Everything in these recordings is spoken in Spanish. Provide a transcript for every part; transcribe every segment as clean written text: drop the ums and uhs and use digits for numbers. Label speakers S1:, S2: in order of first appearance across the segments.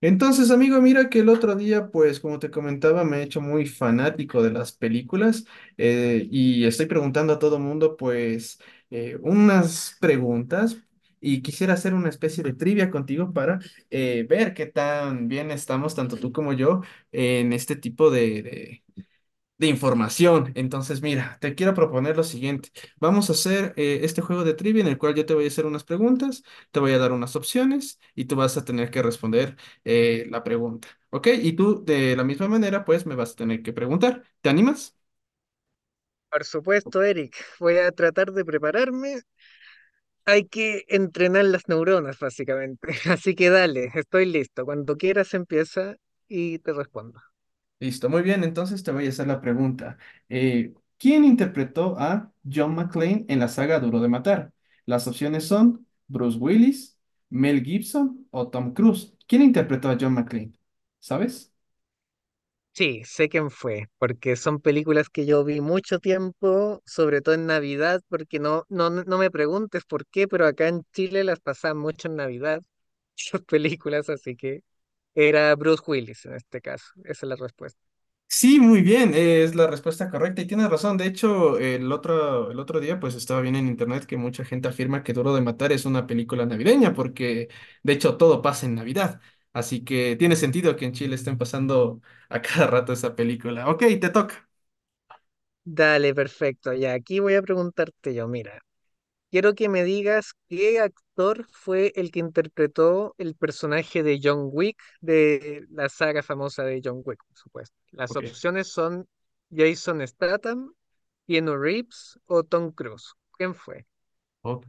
S1: Entonces, amigo, mira que el otro día, pues como te comentaba, me he hecho muy fanático de las películas. Y estoy preguntando a todo mundo, pues, unas preguntas y quisiera hacer una especie de trivia contigo para ver qué tan bien estamos, tanto tú como yo, en este tipo de información. Entonces, mira, te quiero proponer lo siguiente. Vamos a hacer este juego de trivia en el cual yo te voy a hacer unas preguntas, te voy a dar unas opciones y tú vas a tener que responder la pregunta. ¿Ok? Y tú de la misma manera, pues me vas a tener que preguntar. ¿Te animas?
S2: Por supuesto, Eric. Voy a tratar de prepararme. Hay que entrenar las neuronas, básicamente. Así que dale, estoy listo. Cuando quieras empieza y te respondo.
S1: Listo, muy bien. Entonces te voy a hacer la pregunta. ¿Quién interpretó a John McClane en la saga Duro de Matar? Las opciones son Bruce Willis, Mel Gibson o Tom Cruise. ¿Quién interpretó a John McClane? ¿Sabes?
S2: Sí, sé quién fue, porque son películas que yo vi mucho tiempo, sobre todo en Navidad, porque no, no, no me preguntes por qué, pero acá en Chile las pasaban mucho en Navidad, esas películas, así que era Bruce Willis en este caso. Esa es la respuesta.
S1: Sí, muy bien, es la respuesta correcta y tienes razón. De hecho, el otro día pues estaba viendo en internet que mucha gente afirma que Duro de Matar es una película navideña porque de hecho todo pasa en Navidad. Así que tiene sentido que en Chile estén pasando a cada rato esa película. Ok, te toca.
S2: Dale, perfecto. Ya, aquí voy a preguntarte yo, mira. Quiero que me digas qué actor fue el que interpretó el personaje de John Wick de la saga famosa de John Wick, por supuesto. Las
S1: Ok.
S2: opciones son Jason Statham, Keanu Reeves o Tom Cruise. ¿Quién fue?
S1: Ok,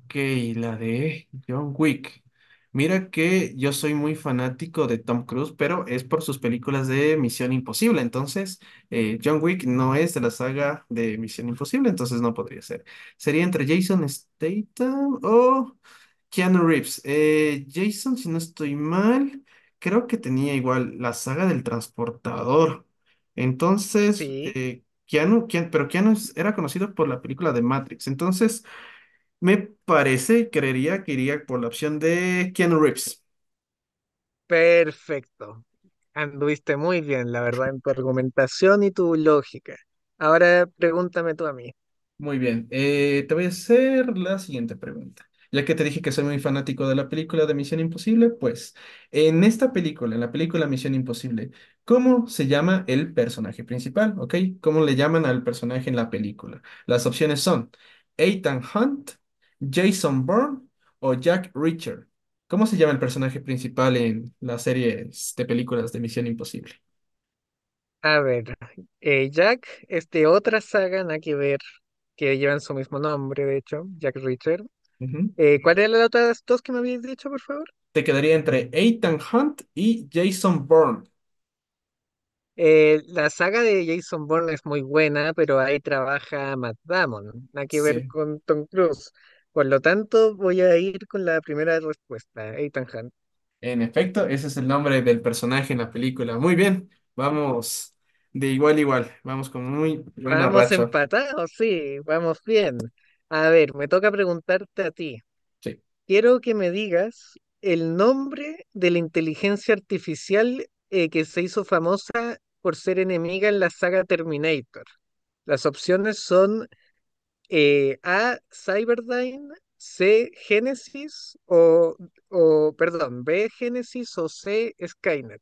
S1: la de John Wick. Mira que yo soy muy fanático de Tom Cruise, pero es por sus películas de Misión Imposible. Entonces, John Wick no es de la saga de Misión Imposible, entonces no podría ser. Sería entre Jason Statham o Keanu Reeves. Jason, si no estoy mal, creo que tenía igual la saga del transportador. Entonces,
S2: Sí,
S1: pero Keanu era conocido por la película de Matrix. Entonces, me parece, creería que iría por la opción de Keanu Reeves.
S2: perfecto. Anduviste muy bien, la verdad, en tu argumentación y tu lógica. Ahora pregúntame tú a mí.
S1: Muy bien, te voy a hacer la siguiente pregunta. Ya que te dije que soy muy fanático de la película de Misión Imposible, pues en esta película, en la película Misión Imposible, ¿cómo se llama el personaje principal? ¿Ok? ¿Cómo le llaman al personaje en la película? Las opciones son Ethan Hunt, Jason Bourne o Jack Reacher. ¿Cómo se llama el personaje principal en las series de películas de Misión Imposible?
S2: A ver, Jack es de otra saga, nada que ver, que llevan su mismo nombre, de hecho, Jack Reacher.
S1: Ujú.
S2: ¿Cuál eran las otras dos que me habías dicho, por favor?
S1: Te quedaría entre Ethan Hunt y Jason Bourne.
S2: La saga de Jason Bourne es muy buena, pero ahí trabaja Matt Damon, nada que ver
S1: Sí.
S2: con Tom Cruise. Por lo tanto, voy a ir con la primera respuesta, Ethan Hunt.
S1: En efecto, ese es el nombre del personaje en la película. Muy bien, vamos de igual a igual, vamos con muy buena
S2: Vamos
S1: racha.
S2: empatados, sí, vamos bien. A ver, me toca preguntarte a ti.
S1: Sí.
S2: Quiero que me digas el nombre de la inteligencia artificial que se hizo famosa por ser enemiga en la saga Terminator. Las opciones son A, Cyberdyne, C, Genesis perdón, B, Genesis o C, Skynet.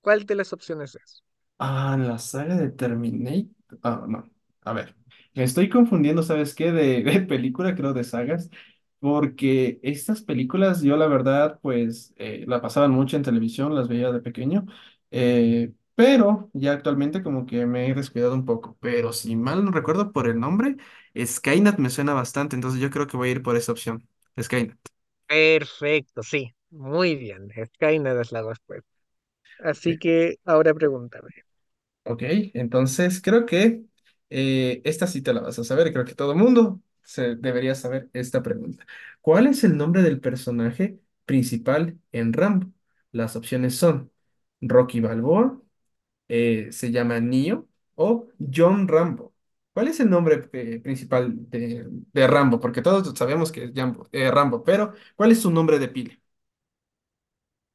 S2: ¿Cuál de las opciones es?
S1: Ah, la saga de Terminator. Ah, no. A ver. Me estoy confundiendo, ¿sabes qué? De película, creo, de sagas. Porque estas películas, yo la verdad, pues la pasaban mucho en televisión, las veía de pequeño. Pero ya actualmente, como que me he descuidado un poco. Pero si mal no recuerdo por el nombre, Skynet me suena bastante. Entonces yo creo que voy a ir por esa opción. Skynet.
S2: Perfecto, sí, muy bien. Skynet es la respuesta. Así que ahora pregúntame.
S1: Ok, entonces creo que esta sí te la vas a saber, creo que todo mundo se debería saber esta pregunta. ¿Cuál es el nombre del personaje principal en Rambo? Las opciones son Rocky Balboa, se llama Neo o John Rambo. ¿Cuál es el nombre principal de Rambo? Porque todos sabemos que es Rambo, pero ¿cuál es su nombre de pila?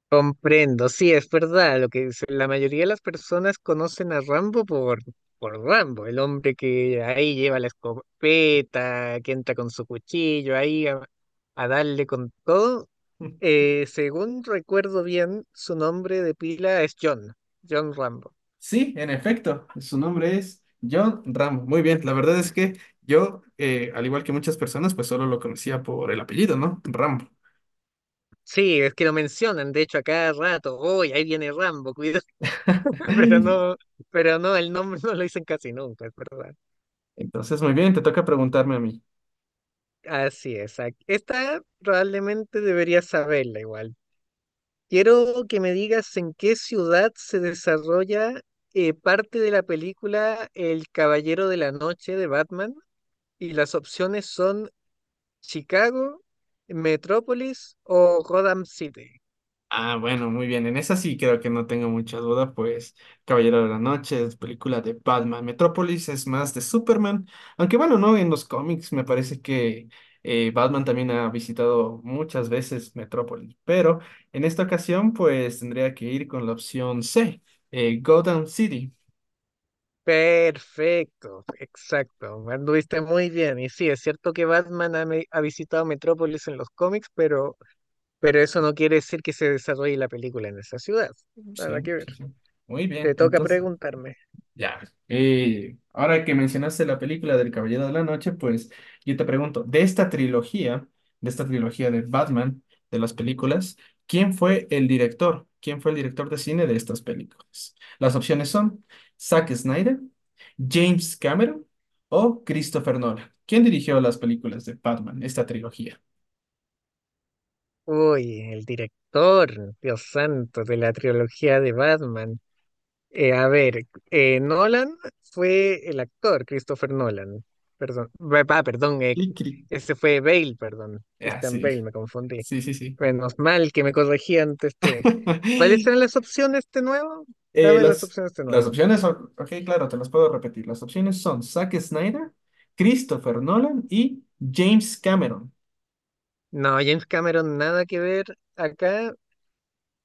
S2: Comprendo, sí, es verdad lo que dice. La mayoría de las personas conocen a Rambo por Rambo, el hombre que ahí lleva la escopeta, que entra con su cuchillo ahí a darle con todo. Según recuerdo bien, su nombre de pila es John Rambo.
S1: Sí, en efecto, su nombre es John Ramos. Muy bien, la verdad es que yo, al igual que muchas personas, pues solo lo conocía por el apellido, ¿no? Ramo.
S2: Sí, es que lo mencionan, de hecho, a cada rato, hoy ahí viene Rambo, cuidado, pero no, pero no, el nombre no lo dicen casi nunca, es verdad.
S1: Entonces, muy bien, te toca preguntarme a mí.
S2: Así es, esta probablemente deberías saberla igual. Quiero que me digas en qué ciudad se desarrolla parte de la película El Caballero de la Noche de Batman y las opciones son Chicago, Metrópolis o Gotham City.
S1: Ah, bueno, muy bien. En esa sí creo que no tengo mucha duda, pues Caballero de la Noche es película de Batman. Metrópolis es más de Superman. Aunque bueno, no, en los cómics me parece que Batman también ha visitado muchas veces Metrópolis. Pero en esta ocasión, pues tendría que ir con la opción C, Gotham City.
S2: Perfecto, exacto. Anduviste muy bien. Y sí, es cierto que Batman ha visitado Metrópolis en los cómics, pero eso no quiere decir que se desarrolle la película en esa ciudad. Nada
S1: Sí,
S2: que ver.
S1: sí, sí. Muy bien.
S2: Te toca
S1: Entonces,
S2: preguntarme.
S1: ya. Y ahora que mencionaste la película del Caballero de la Noche, pues yo te pregunto, de esta trilogía de Batman, de las películas, ¿quién fue el director? ¿Quién fue el director de cine de estas películas? Las opciones son Zack Snyder, James Cameron o Christopher Nolan. ¿Quién dirigió las películas de Batman, esta trilogía?
S2: Uy, el director, Dios santo, de la trilogía de Batman. A ver, Nolan fue el actor, Christopher Nolan. Perdón, perdón,
S1: Cri, cri.
S2: ese fue Bale, perdón.
S1: Ah,
S2: Christian
S1: sí,
S2: Bale, me confundí.
S1: sí.
S2: Menos mal que me corregí antes este. ¿Cuáles eran las opciones de nuevo?
S1: Eh,
S2: Dame las
S1: las,
S2: opciones de
S1: las
S2: nuevo.
S1: opciones son, ok, claro, te las puedo repetir. Las opciones son Zack Snyder, Christopher Nolan y James Cameron.
S2: No, James Cameron, nada que ver acá.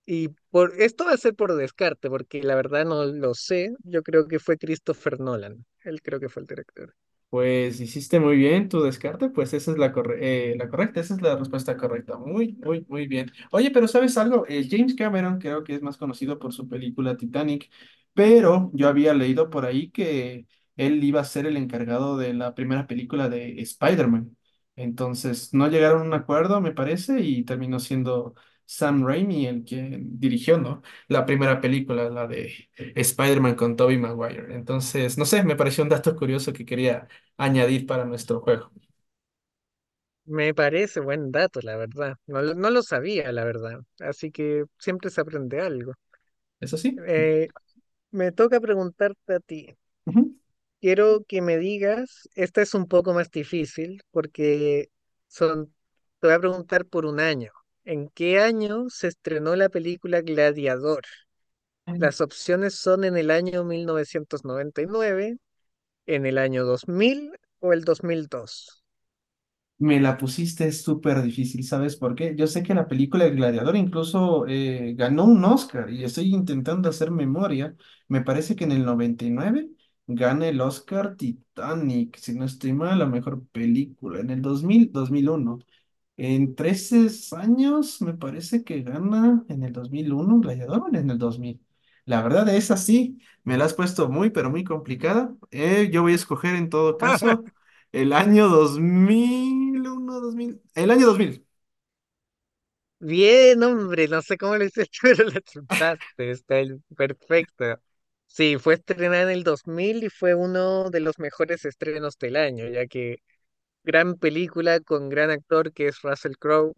S2: Y por esto va a ser por descarte, porque la verdad no lo sé. Yo creo que fue Christopher Nolan. Él creo que fue el director.
S1: Pues hiciste muy bien tu descarte, pues esa es la correcta, esa es la respuesta correcta. Muy bien. Oye, pero ¿sabes algo? James Cameron creo que es más conocido por su película Titanic, pero yo había leído por ahí que él iba a ser el encargado de la primera película de Spider-Man. Entonces, no llegaron a un acuerdo, me parece, y terminó siendo Sam Raimi el que dirigió, ¿no? La primera película, la de Spider-Man con Tobey Maguire. Entonces, no sé, me pareció un dato curioso que quería añadir para nuestro juego.
S2: Me parece buen dato, la verdad. No, no lo sabía, la verdad. Así que siempre se aprende algo.
S1: ¿Es así?
S2: Eh, me toca preguntarte a ti. Quiero que me digas, esta es un poco más difícil porque son, te voy a preguntar por un año. ¿En qué año se estrenó la película Gladiador?
S1: Ujú.
S2: Las opciones son en el año 1999, en el año 2000 o el 2002.
S1: Me la pusiste súper difícil, ¿sabes por qué? Yo sé que la película El Gladiador incluso ganó un Oscar y estoy intentando hacer memoria. Me parece que en el 99 gana el Oscar Titanic, si no estoy mal, la mejor película. En el dos dos mil uno. En 13 años, me parece que gana en el 2001 un gladiador o en el 2000. La verdad es así, me la has puesto muy, pero muy complicada. Yo voy a escoger en todo caso el año dos mil uno dos mil el año 2000.
S2: Bien, hombre, no sé cómo lo hiciste, pero la chuntaste, perfecto. Sí, fue estrenada en el 2000 y fue uno de los mejores estrenos del año, ya que gran película con gran actor que es Russell Crowe,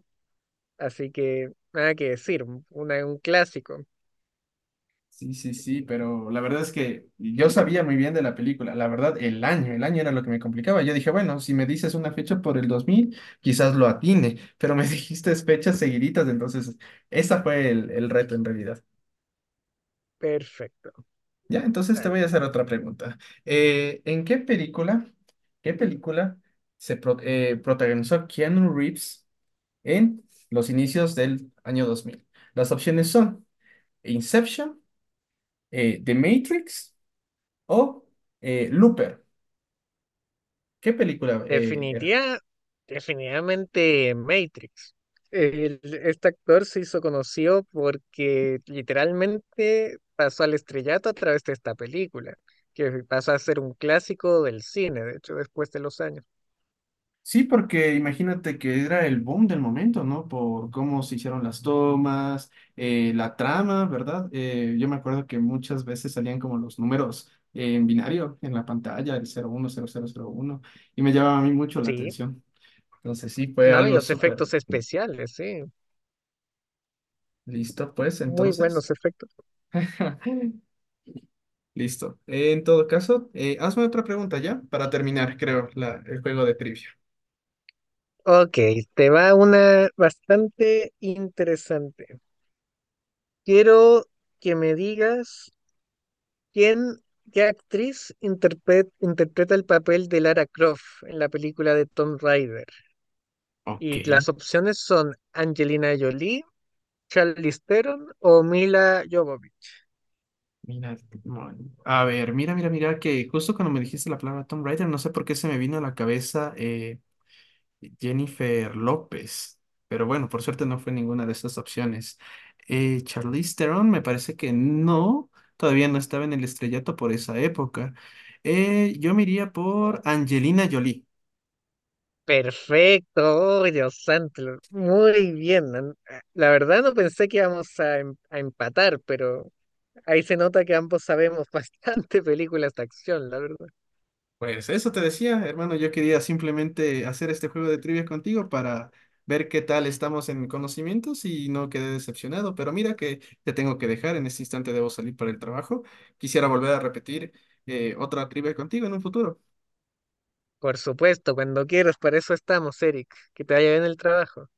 S2: así que nada que decir, una, un clásico.
S1: Sí, sí, sí, pero la verdad es que yo sabía muy bien de la película. La verdad, el año era lo que me complicaba. Yo dije, bueno, si me dices una fecha por el 2000 quizás lo atine, pero me dijiste fechas seguiditas, entonces esa fue el reto en realidad.
S2: Perfecto,
S1: Ya, entonces te voy a
S2: dale.
S1: hacer otra pregunta. Eh, ¿en qué película, Qué película protagonizó Keanu Reeves en los inicios del año 2000? Las opciones son Inception, The Matrix o Looper. ¿Qué película era?
S2: Definitiva, definitivamente Matrix. Este actor se hizo conocido porque literalmente pasó al estrellato a través de esta película, que pasó a ser un clásico del cine, de hecho, después de los años.
S1: Sí, porque imagínate que era el boom del momento, ¿no? Por cómo se hicieron las tomas, la trama, ¿verdad? Yo me acuerdo que muchas veces salían como los números en binario en la pantalla, el 0 1 0 0 0 1, y me llamaba a mí mucho la
S2: Sí,
S1: atención. Entonces sí, fue
S2: ¿no? Y
S1: algo
S2: los
S1: súper.
S2: efectos especiales, sí,
S1: Listo, pues
S2: muy
S1: entonces.
S2: buenos efectos.
S1: Listo. En todo caso, hazme otra pregunta ya para terminar, creo, el juego de trivia.
S2: Ok, te va una bastante interesante. Quiero que me digas ¿Quién, qué actriz interpreta el papel de Lara Croft en la película de Tomb Raider? Y
S1: Ok.
S2: las opciones son Angelina Jolie, Charlize Theron o Mila Jovovich.
S1: Mira, a ver, mira, que justo cuando me dijiste la palabra Tomb Raider, no sé por qué se me vino a la cabeza Jennifer López, pero bueno, por suerte no fue ninguna de estas opciones. Charlize Theron me parece que no, todavía no estaba en el estrellato por esa época. Yo me iría por Angelina Jolie.
S2: Perfecto, oh, Dios santo, muy bien. La verdad no pensé que íbamos a empatar, pero ahí se nota que ambos sabemos bastante películas de acción, la verdad.
S1: Pues eso te decía, hermano, yo quería simplemente hacer este juego de trivia contigo para ver qué tal estamos en conocimientos y no quedé decepcionado, pero mira que te tengo que dejar, en este instante debo salir para el trabajo. Quisiera volver a repetir otra trivia contigo en un futuro.
S2: Por supuesto, cuando quieras, para eso estamos, Eric. Que te vaya bien el trabajo.